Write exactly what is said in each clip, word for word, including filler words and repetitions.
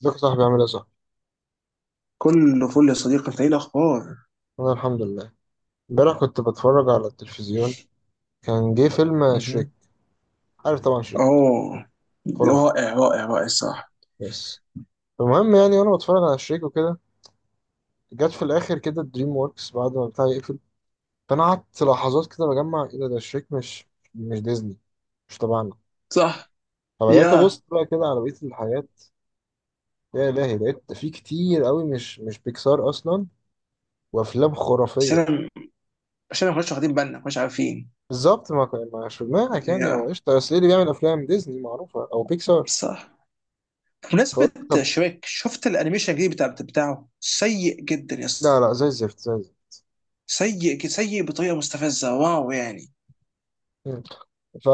ازيك يا صاحبي؟ عامل ايه يا صاحبي؟ كله فل يا صديقي، انت ايه الاخبار؟ انا الحمد لله. امبارح كنت بتفرج على التلفزيون، كان جه فيلم شريك. مهم. عارف طبعا شريك، اه. خرافي. رائع رائع رائع، صح. بس المهم يعني، وانا بتفرج على شريك وكده، جت في الاخر كده دريم وركس بعد ما بتاع يقفل. فانا قعدت لحظات كده بجمع، ايه ده؟ ده شريك مش مش ديزني، مش تبعنا. صح. فبدات يا ابص بقى كده على بقيه الحاجات. يا الهي، لقيت في كتير قوي مش مش بيكسار اصلا، وافلام عشان خرافيه. أنا- عشان ما كناش واخدين بالنا، ما كناش عارفين. بالظبط، ما كان ما مش في دماغك، يعني هو يا قشطه، بس ايه اللي بيعمل افلام ديزني معروفه او بيكسار. صح. بمناسبة شريك، شفت الانيميشن الجديد بتاع بتاعه؟ سيء جدا يا لا اسطى. لا، زي الزفت زي الزفت. سيء ج- سيء بطريقة مستفزة، واو يعني. مم. ف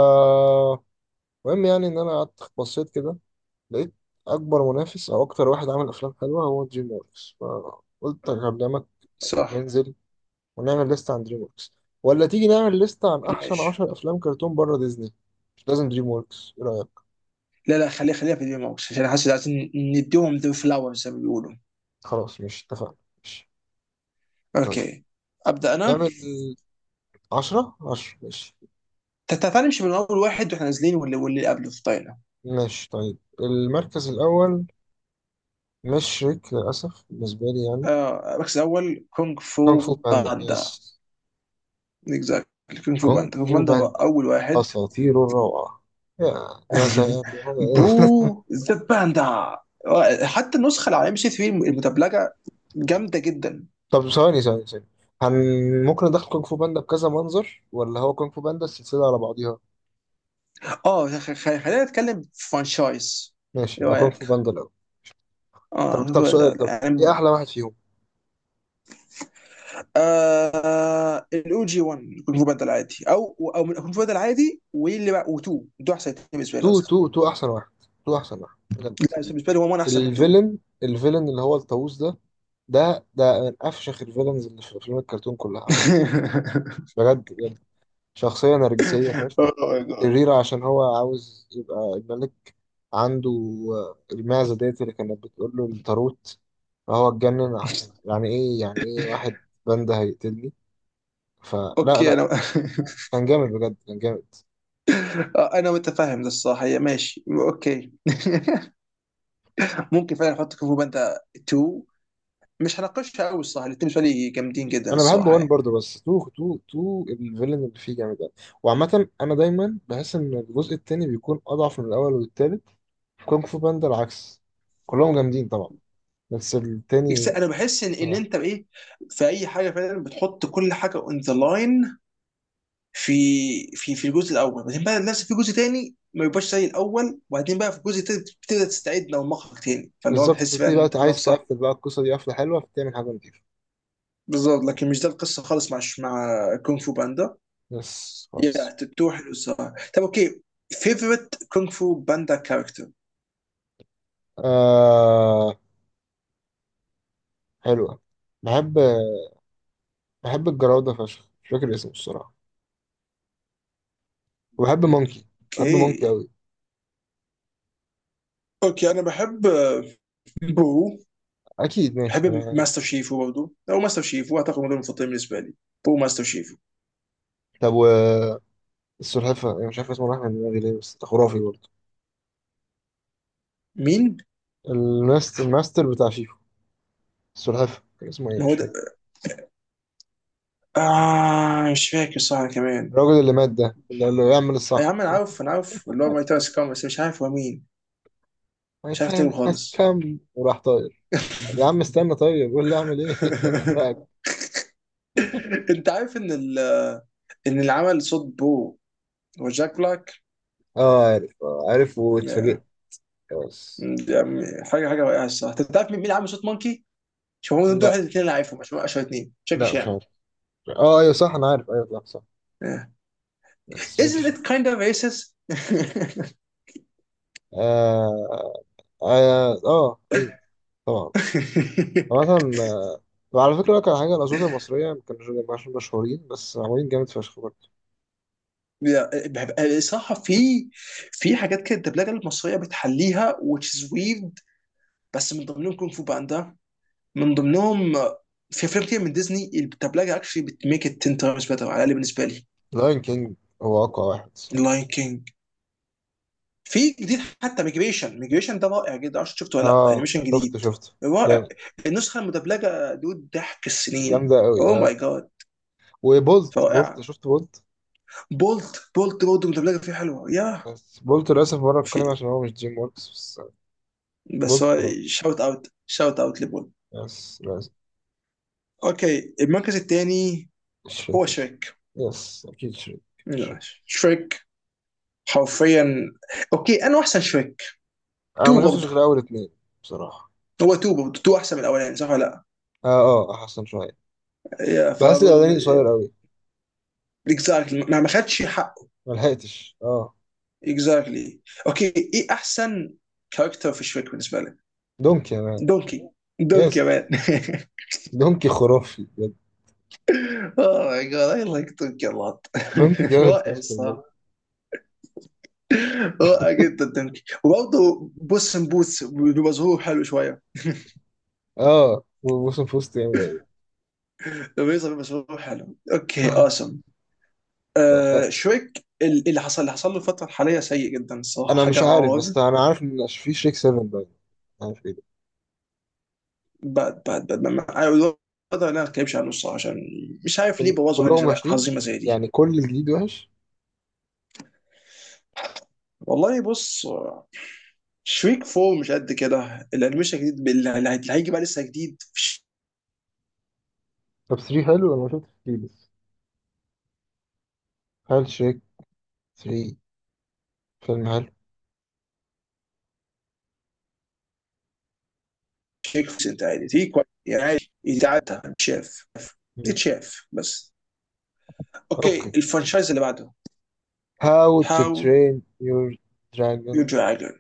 المهم يعني ان انا قعدت بصيت كده، لقيت اكبر منافس او اكتر واحد عامل افلام حلوه هو دريم وركس، فقلت اكلمك صح. ننزل ونعمل ليست عن دريم وركس، ولا تيجي نعمل ليست عن احسن ماشي. عشرة افلام كرتون بره ديزني، مش لازم دريم وركس، ايه رايك؟ لا لا، خليها خليها في البي موكس عشان حاسس عايزين نديهم ذا فلاور زي ما بيقولوا. خلاص، مش اتفقنا، ماشي. طيب اوكي. ابدا انا. نعمل عشرة، عشرة، ماشي. تع- تعال نمشي من اول واحد واحنا نازلين، واللي واللي قبله في. ماشي طيب، المركز الاول مش شريك للاسف بالنسبه لي يعني. آه، المركز الاول كونغ كونغ فو فو باندا، يس. باندا. اكزاكت. كونغ فو كونغ باندا، كونغ فو فو باندا هو باندا، اول واحد. أساطير الروعة. يا ناس يا أخي. برو ذا باندا. حتى النسخه اللي على ام بي سي ثلاثة المدبلجه جامده جدا. طب ثواني ثواني ثواني، هن ممكن ندخل كونغ فو باندا بكذا منظر، ولا هو كونغ فو باندا السلسلة على بعضيها؟ اه، خ- خ- خلينا نتكلم فرانشايز. ماشي، ايه يبقى كونغ فو رايك؟ باندا الأول. اه، طب كونغ فو طب باندا سؤال، طب إيه يعني. أحلى واحد فيهم؟ آه، الاو جي واحد، كونغ فو باندا العادي، او او من كونغ فو باندا العادي واللي بقى و2. دول احسن اثنين بالنسبه لي تو اصلا. تو تو أحسن واحد. تو أحسن واحد بجد. لا، بالنسبه لي هو واحد احسن من اثنين. الفيلن الفيلن اللي هو الطاووس ده، ده ده من أفشخ الفيلنز اللي في أفلام الكرتون كلها عامة. بجد بجد، شخصية نرجسية، فاهم، Oh my God. شريرة، عشان هو عاوز يبقى الملك. عنده المعزة ديت اللي كانت بتقول له الطاروت، فهو اتجنن، عشان يعني ايه، يعني ايه واحد باندا هيقتلني؟ فلا اوكي لا انا. كان جامد بجد، كان جامد. آه، انا متفاهم ده الصراحه، هي ماشي اوكي. ممكن فعلا احط كونغ فو باندا اثنين. مش هناقشها قوي الصراحه، الاثنين بالنسبه لي جامدين جدا انا بحب الصراحه وان يعني. برضه، بس تو تو تو الفيلن اللي فيه جامد أوي. وعامة انا دايما بحس ان الجزء التاني بيكون اضعف من الاول والتالت، كونغ فو باندا العكس، كلهم جامدين طبعا، بس بس التاني. انا بحس ان ان انت بايه، في اي حاجه فعلا بتحط كل حاجه اون ذا لاين. في في في الجزء الاول، بعدين بقى نفس في جزء تاني ما يبقاش زي الاول، وبعدين بقى في الجزء التالت بتبدا تستعيد من المخرج تاني، فاللي هو بالظبط، بتحس بقى بتبتدي ان بقى انت كلامك عايز صح. تقفل بقى القصة دي قفلة حلوة فتعمل حاجة نضيفة. بالظبط. لكن مش ده القصه خالص مع مع كونغ فو باندا. يس يا خالص. تتو حلو الصراحه. طب اوكي. فيفورت كونغ فو باندا كاركتر. آه، حلوة. بحب، بحب الجراودة فشخ، مش فاكر اسمه الصراحة. وبحب مونكي، بحب مونكي اوكي. أوي. اوكي انا بحب، آه، بو. أكيد ماشي بحب أنا. ماستر شيفو برضه، او ماستر شيفو، اعتقد هم دول المفضلين بالنسبه لي. بو، ماستر شيفو. طب و السلحفة، أنا مش عارف اسمه، راح من دماغي ليه، بس ده خرافي برضه. مين؟ الماستر، الماستر بتاع شيفو، السلحفة كان اسمه إيه؟ ما مش هو فاكر. ده. آه، مش فاكر صح كمان. الراجل اللي مات ده اللي قال له اعمل يا الصح. عم انا عارف، انا عارف اللي هو ماي تايس كام، بس مش عارف هو مين. My مش عارف time تاني has خالص. come، وراح طاير. طب يا عم استنى، طيب قول لي أعمل إيه أنا بحرقك. انت عارف ان ال- ان اللي عمل صوت بو هو جاك بلاك؟ أه عارف، آه، عارف، واتفاجئت. خلاص. يا عم، حاجه حاجه رائعه الصراحه. طب تعرف مين اللي عامل صوت مونكي؟ شوف، هو دول لا واحد الاثنين اللي عارفهم عشان اشهر اثنين، شاكي لا، مش شان. عارف. اه ايوه صح، انا عارف، ايوه لا صح. آه. بس جاكي Isn't شان. it kind of racist؟ اه اه آه، ايوه، طبعا. مثلا، وعلى فكره كان حاجه، الاشواط المصريه ما كانوش مش مشهورين، بس معمولين جامد فشخ برضه. لا، بحب- الصراحه في في حاجات كده الدبلجه المصريه بتحليها، which is weird. بس من ضمنهم كونغ فو باندا، من ضمنهم. آه، في افلام كتير من ديزني الدبلجه اكشلي بتميك ات ten times better، على الاقل بالنسبه لي. لاين كينج هو اقوى واحد الصراحه. لاين كينج. في جديد حتى، ميجريشن، ميجريشن ده رائع جدا، عشان شفته ولا لا؟ اه انيميشن شفت جديد. شفت. رائع. جامد. النسخه المدبلجه دود ضحك السنين. جامده قوي اوه ماي اه. جاد. وبولت، بولت، رائعه. شفت بولت. بولت، بولت برضه المدبلجه فيه حلوه يا. بس بولت للاسف بره في، القايمه، عشان هو مش دريم وركس بس. بس بولت هو. خلاص. شاوت اوت، شاوت اوت لبولت. يس لازم. اوكي، المركز الثاني. هو شريك. شريك. يس، اكيد شريك. شريك. شريك. حرفيا. اوكي، انا احسن شريك. انا تو ما شفتش برضه. غير اول اتنين بصراحه. هو تو برضه، تو احسن من الاولاني صح ولا؟ اه. اه احسن شويه. لا؟ بحس فبرضه. الاغاني قصير قوي. اكزاكتلي، ما ما خدش حقه. ملحقتش اه. اكزاكتلي. اوكي، ايه احسن كاركتر في شريك بالنسبه لك؟ دونكي، انا. دونكي. دونكي يا يس، مان. دونكي خرافي بجد. اوه ماي جاد، اي لايك دونكي لوت. دونكي جامد رائع فشخ بجد. الصراحه. رائع جدا دونكي. وبرضه بوس ان بوتس بمظهور حلو شويه اه، وموسم فوست جامد قوي. لما يظهر بمظهور حلو، اوكي اوسم. آه. شريك، اللي حصل اللي حصل له الفتره الحاليه سيء جدا الصراحه، انا مش حاجه عارف، عار. بس انا عارف ان في شريك سبعة باين. عارف ايه ده. باد باد باد. اقدر ان انا ما اتكلمش عنه الصراحه، عشان مش عارف ليه كل... بوظوا حاجه كلهم شبه وحشين، عظيمه زي دي. يعني كل الجديد وحش. والله بص، شريك فور مش قد كده. الانيميشن الجديد بال- اللي هي- اللي هيجي بقى لسه جديد. طب ثلاثة حلو، انا ما شفتش ثلاثة لسه. هل شريك ثلاثة فيلم حلو؟ شريك فور انت عادي، تيجي كويس يعني، عادي يتعدى شاف، مم. يتشاف بس. اوكي، اوكي. الفرنشايز اللي بعده. How to هاو Train Your يو Dragon. دراجون.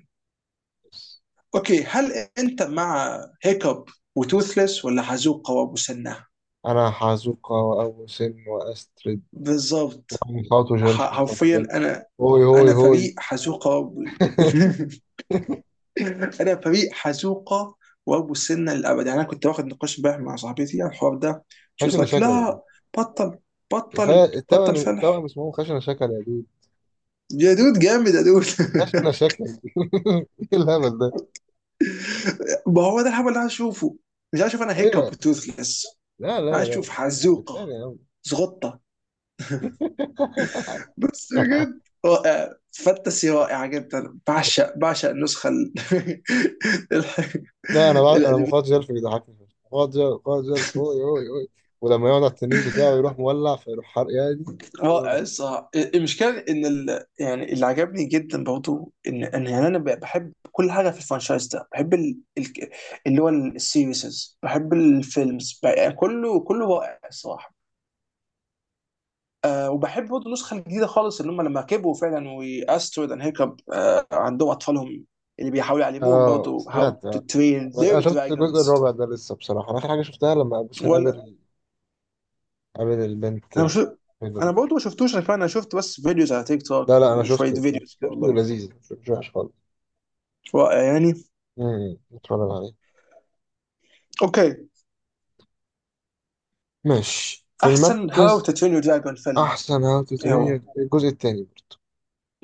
اوكي، هل انت مع هيكب وتوثلس، ولا حزوقة ومسنة؟ انا حازوكا وأبو سن وأسترد. بالظبط. خاطو جل، ح- خاطو حرفيا جل، انا. هوي هوي انا هوي فريق حزوقة و- انا فريق حزوقه وابو سنه للابد يعني. انا كنت واخد نقاش امبارح مع صاحبتي عن الحوار ده، شي واز خشنة لايك شكل يا دود. لا. بطل كفاية، بطل بطل التوأم فلح. التوأم اسمهم خشنة شكل يا دود. يا دود، جامد يا دود. خشنة شكل ايه الهبل ده؟ ما هو ده الهبل اللي عايز اشوفه. مش عايز اشوف انا هيكب ايوه. توثلس، لا لا عايز اشوف لا. بتخانق حزوقه. يا عم زغطه. بس بجد رائع فانتسي رائعه جدا. بعشق بعشق النسخه ال- الح- لا انا بع... انا الأنمي. مخاط جلف بيضحكني. مخاط جلف، مخاط جلف اوي اوي اوي. ولما يقعد على التنين بتاعه يروح مولع، فيروح حرق يا دي. والله رائع العظيم. الصراحه. المشكله ان ال... يعني اللي عجبني جدا برضو ان ان يعني انا ب- بحب كل حاجه في الفرنشايز ده. بحب ال... ال... اللي هو السيريسز، بحب الفيلمز بقى- يعني كله كله رائع الصراحه. آه، وبحب برضه النسخه الجديده خالص اللي هم لما كبروا فعلا، واسترويد اند هيكب، آه عندهم اطفالهم اللي بيحاولوا يعلموهم اه، برضه هاو سمعت تو اه. ترين انا ذير شفت الجزء دراجونز. الرابع ده لسه بصراحه، انا اخر حاجه شفتها لما ابو حسين ولا. قابل قابل البنت انا مش الحلوه انا دي. برضه ما شفتوش، انا كمان. انا شفت بس فيديوز على تيك لا توك لا، انا وشويه شفته، شفته فيديوز كده شفته والله. ولذيذ، مش مش وحش خالص. رائع يعني. امم، اتفرج عليه. اوكي. ماشي، في احسن هاو المركز تو ترين يور دراجون فيلم. احسن هاو تو ايه هو؟ ترين الجزء الثاني.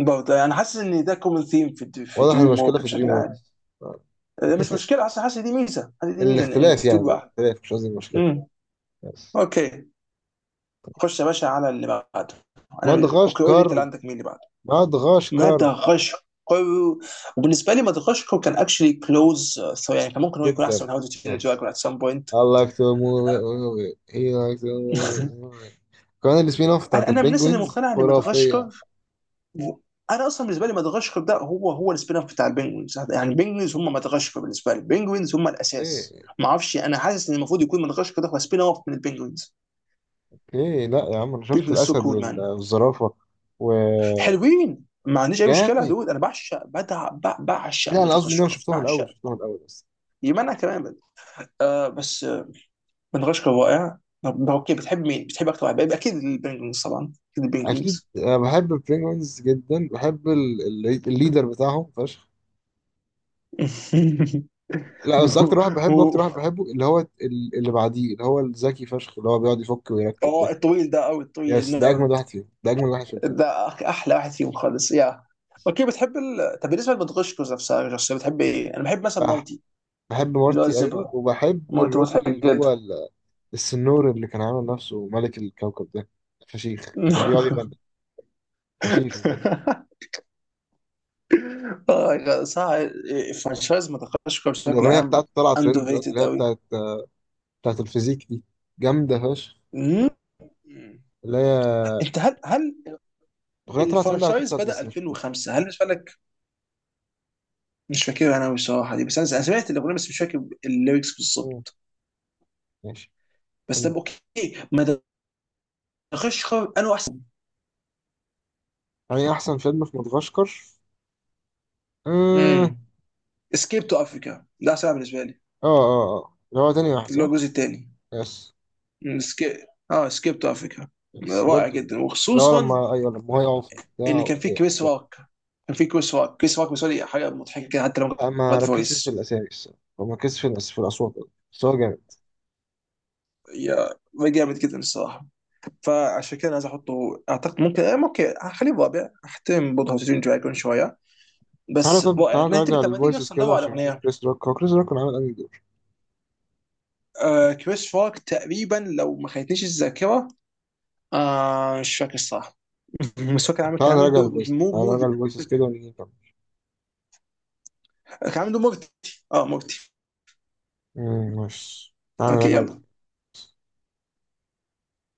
برضه يعني انا حاسس ان ده كومن ثيم في د- في واضح دريم المشكله ووك في دريم بشكل عام. ووركس. آه، مش مشكله، حاسس حاسس دي ميزه، حاسس دي ميزه، ان إن الاختلاف يعني، تبقى. الاختلاف، مش قصدي المشكله. امم. يس. اوكي. خش يا باشا على اللي بعده. انا اوكي، قول لي مدغشقر. انت، اللي عندك مين اللي بعده؟ مدغشقر. مدغشقر. وبالنسبه لي مدغشقر كان اكشلي كلوز، يعني كان ممكن هو يكون احسن جدا. من هاو تو ترين يور يس. دراجون ات سام بوينت. I like to move it, move it. He likes to move it, move it. كمان السبين اوف بتاعت انا انا من الناس اللي البنجوينز مقتنعه ان خرافيه. مدغشقر، انا اصلا بالنسبه لي مدغشقر ده هو هو السبين اوف بتاع البنجوينز. يعني البنجوينز هم مدغشقر بالنسبه لي، البنجوينز هم الاساس. ايه ما اعرفش، انا حاسس ان المفروض يكون مدغشقر ده هو سبين اوف من البنجوينز. ايه، لا يا عم، انا شفت بنجوينز سو الاسد كول مان. وال- والزرافه. وجامد. حلوين، ما عنديش اي مشكله يا دود. انا بعشق بدع بع- بعشق لا انا قصدي ان انا مدغشقر، شفتهم الاول، بعشق شفتهم كول. الاول بس يمنع كمان بد. آه بس، آه مدغشقر رائع. طب اوكي، بتحب مين؟ بتحب اكتر واحد، اكيد البنجوينز، طبعا اكيد اكيد البنجوينز. أنا بحب البينجوينز جدا، بحب ال- ال- الليدر بتاعهم فشخ. لا، بس اكتر هو واحد بحبه اكتر هو- واحد بحبه اللي هو ال- اللي بعديه، اللي هو الذكي فشخ، اللي هو بيقعد يفك ويركب اه ده. الطويل ده قوي، الطويل يس، ده اجمد النيرد، واحد فيهم، ده اجمد واحد في الفيلم. ده احلى واحد فيهم خالص يا. اوكي، بتحب ال... طب بالنسبه لمدغشقر نفسها، شخصيه بتحب ايه؟ انا بحب مثلا بح- مارتي، بحب اللي هو مارتي ايوه، الزبره. وبحب مارتي الراجل مضحك اللي هو جدا. ال- السنور اللي كان عامل نفسه ملك الكوكب ده، فشيخ اللي كان بيقعد يغني، فشيخ بجد. آه، صح. فرانشايز مدغشقر بشكل الاغنيه عام بتاعته طلعت اندر ترند دلوقتي، اللي ريتد هي قوي. بتاعت بتاعت الفيزيك دي، جامده فشخ. مم. اللي هي انت هل هل الأغنية طلعت ترند على تيك الفرانشايز توك، بدأ بس مش فاكر. ألفين وخمسة؟ هل بالنسبه لك مش فاكر؟ انا بصراحه دي، بس انا أنا سمعت الاغنيه بس مش فاكر الليركس مم. بالظبط. ماشي. بس ال- طب اوكي. مدغشقر انا احسن. يعني أحسن فيلم في مدغشقر؟ آه آه. مم. اسكيب تو افريكا ده سبعه بالنسبه لي، آه آه. اللي هو تاني واحد اللي هو صح؟ الجزء الثاني. يس. اسكيب، اه اسكيب تو افريكا. يس رائع برضه. جدا، اللي هو وخصوصا لما، أيوه لما هو يقع في البتاع. ان كان في أيوه كريس جامد. روك. كان في كريس روك. كريس روك بالنسبه لي حاجه مضحكه كده، حتى لو لا، ما باد ركزتش في فويس الأسامي الصراحة، أو ما ركزتش في الأس- في الأصوات أوي. بس هو جامد. يا. جامد جدا الصراحه. فعشان كده انا عايز احطه، اعتقد ممكن آه، ممكن هخليه رابع. احترم برضه هاوسين دراجون شويه، تعالى، بس طب رائع. تعالى ما نراجع انت لما تيجي الفويسز اصلا كده ندور على عشان نشوف اغنيه. كريس روك، هو كريس روك كان عامل أنهي دور؟ آه، كريس روك تقريبا، لو ما خانتنيش الذاكره. آه، مش فاكر الصراحه. بس هو كان عامل كان تعالى عامل نراجع دور الفويسز، مو تعالى نراجع مودي. الفويسز كده ونيجي نكمل. كان عنده مورتي. اه، مورتي. مم، ماشي، تعالى اوكي، نراجع. يلا.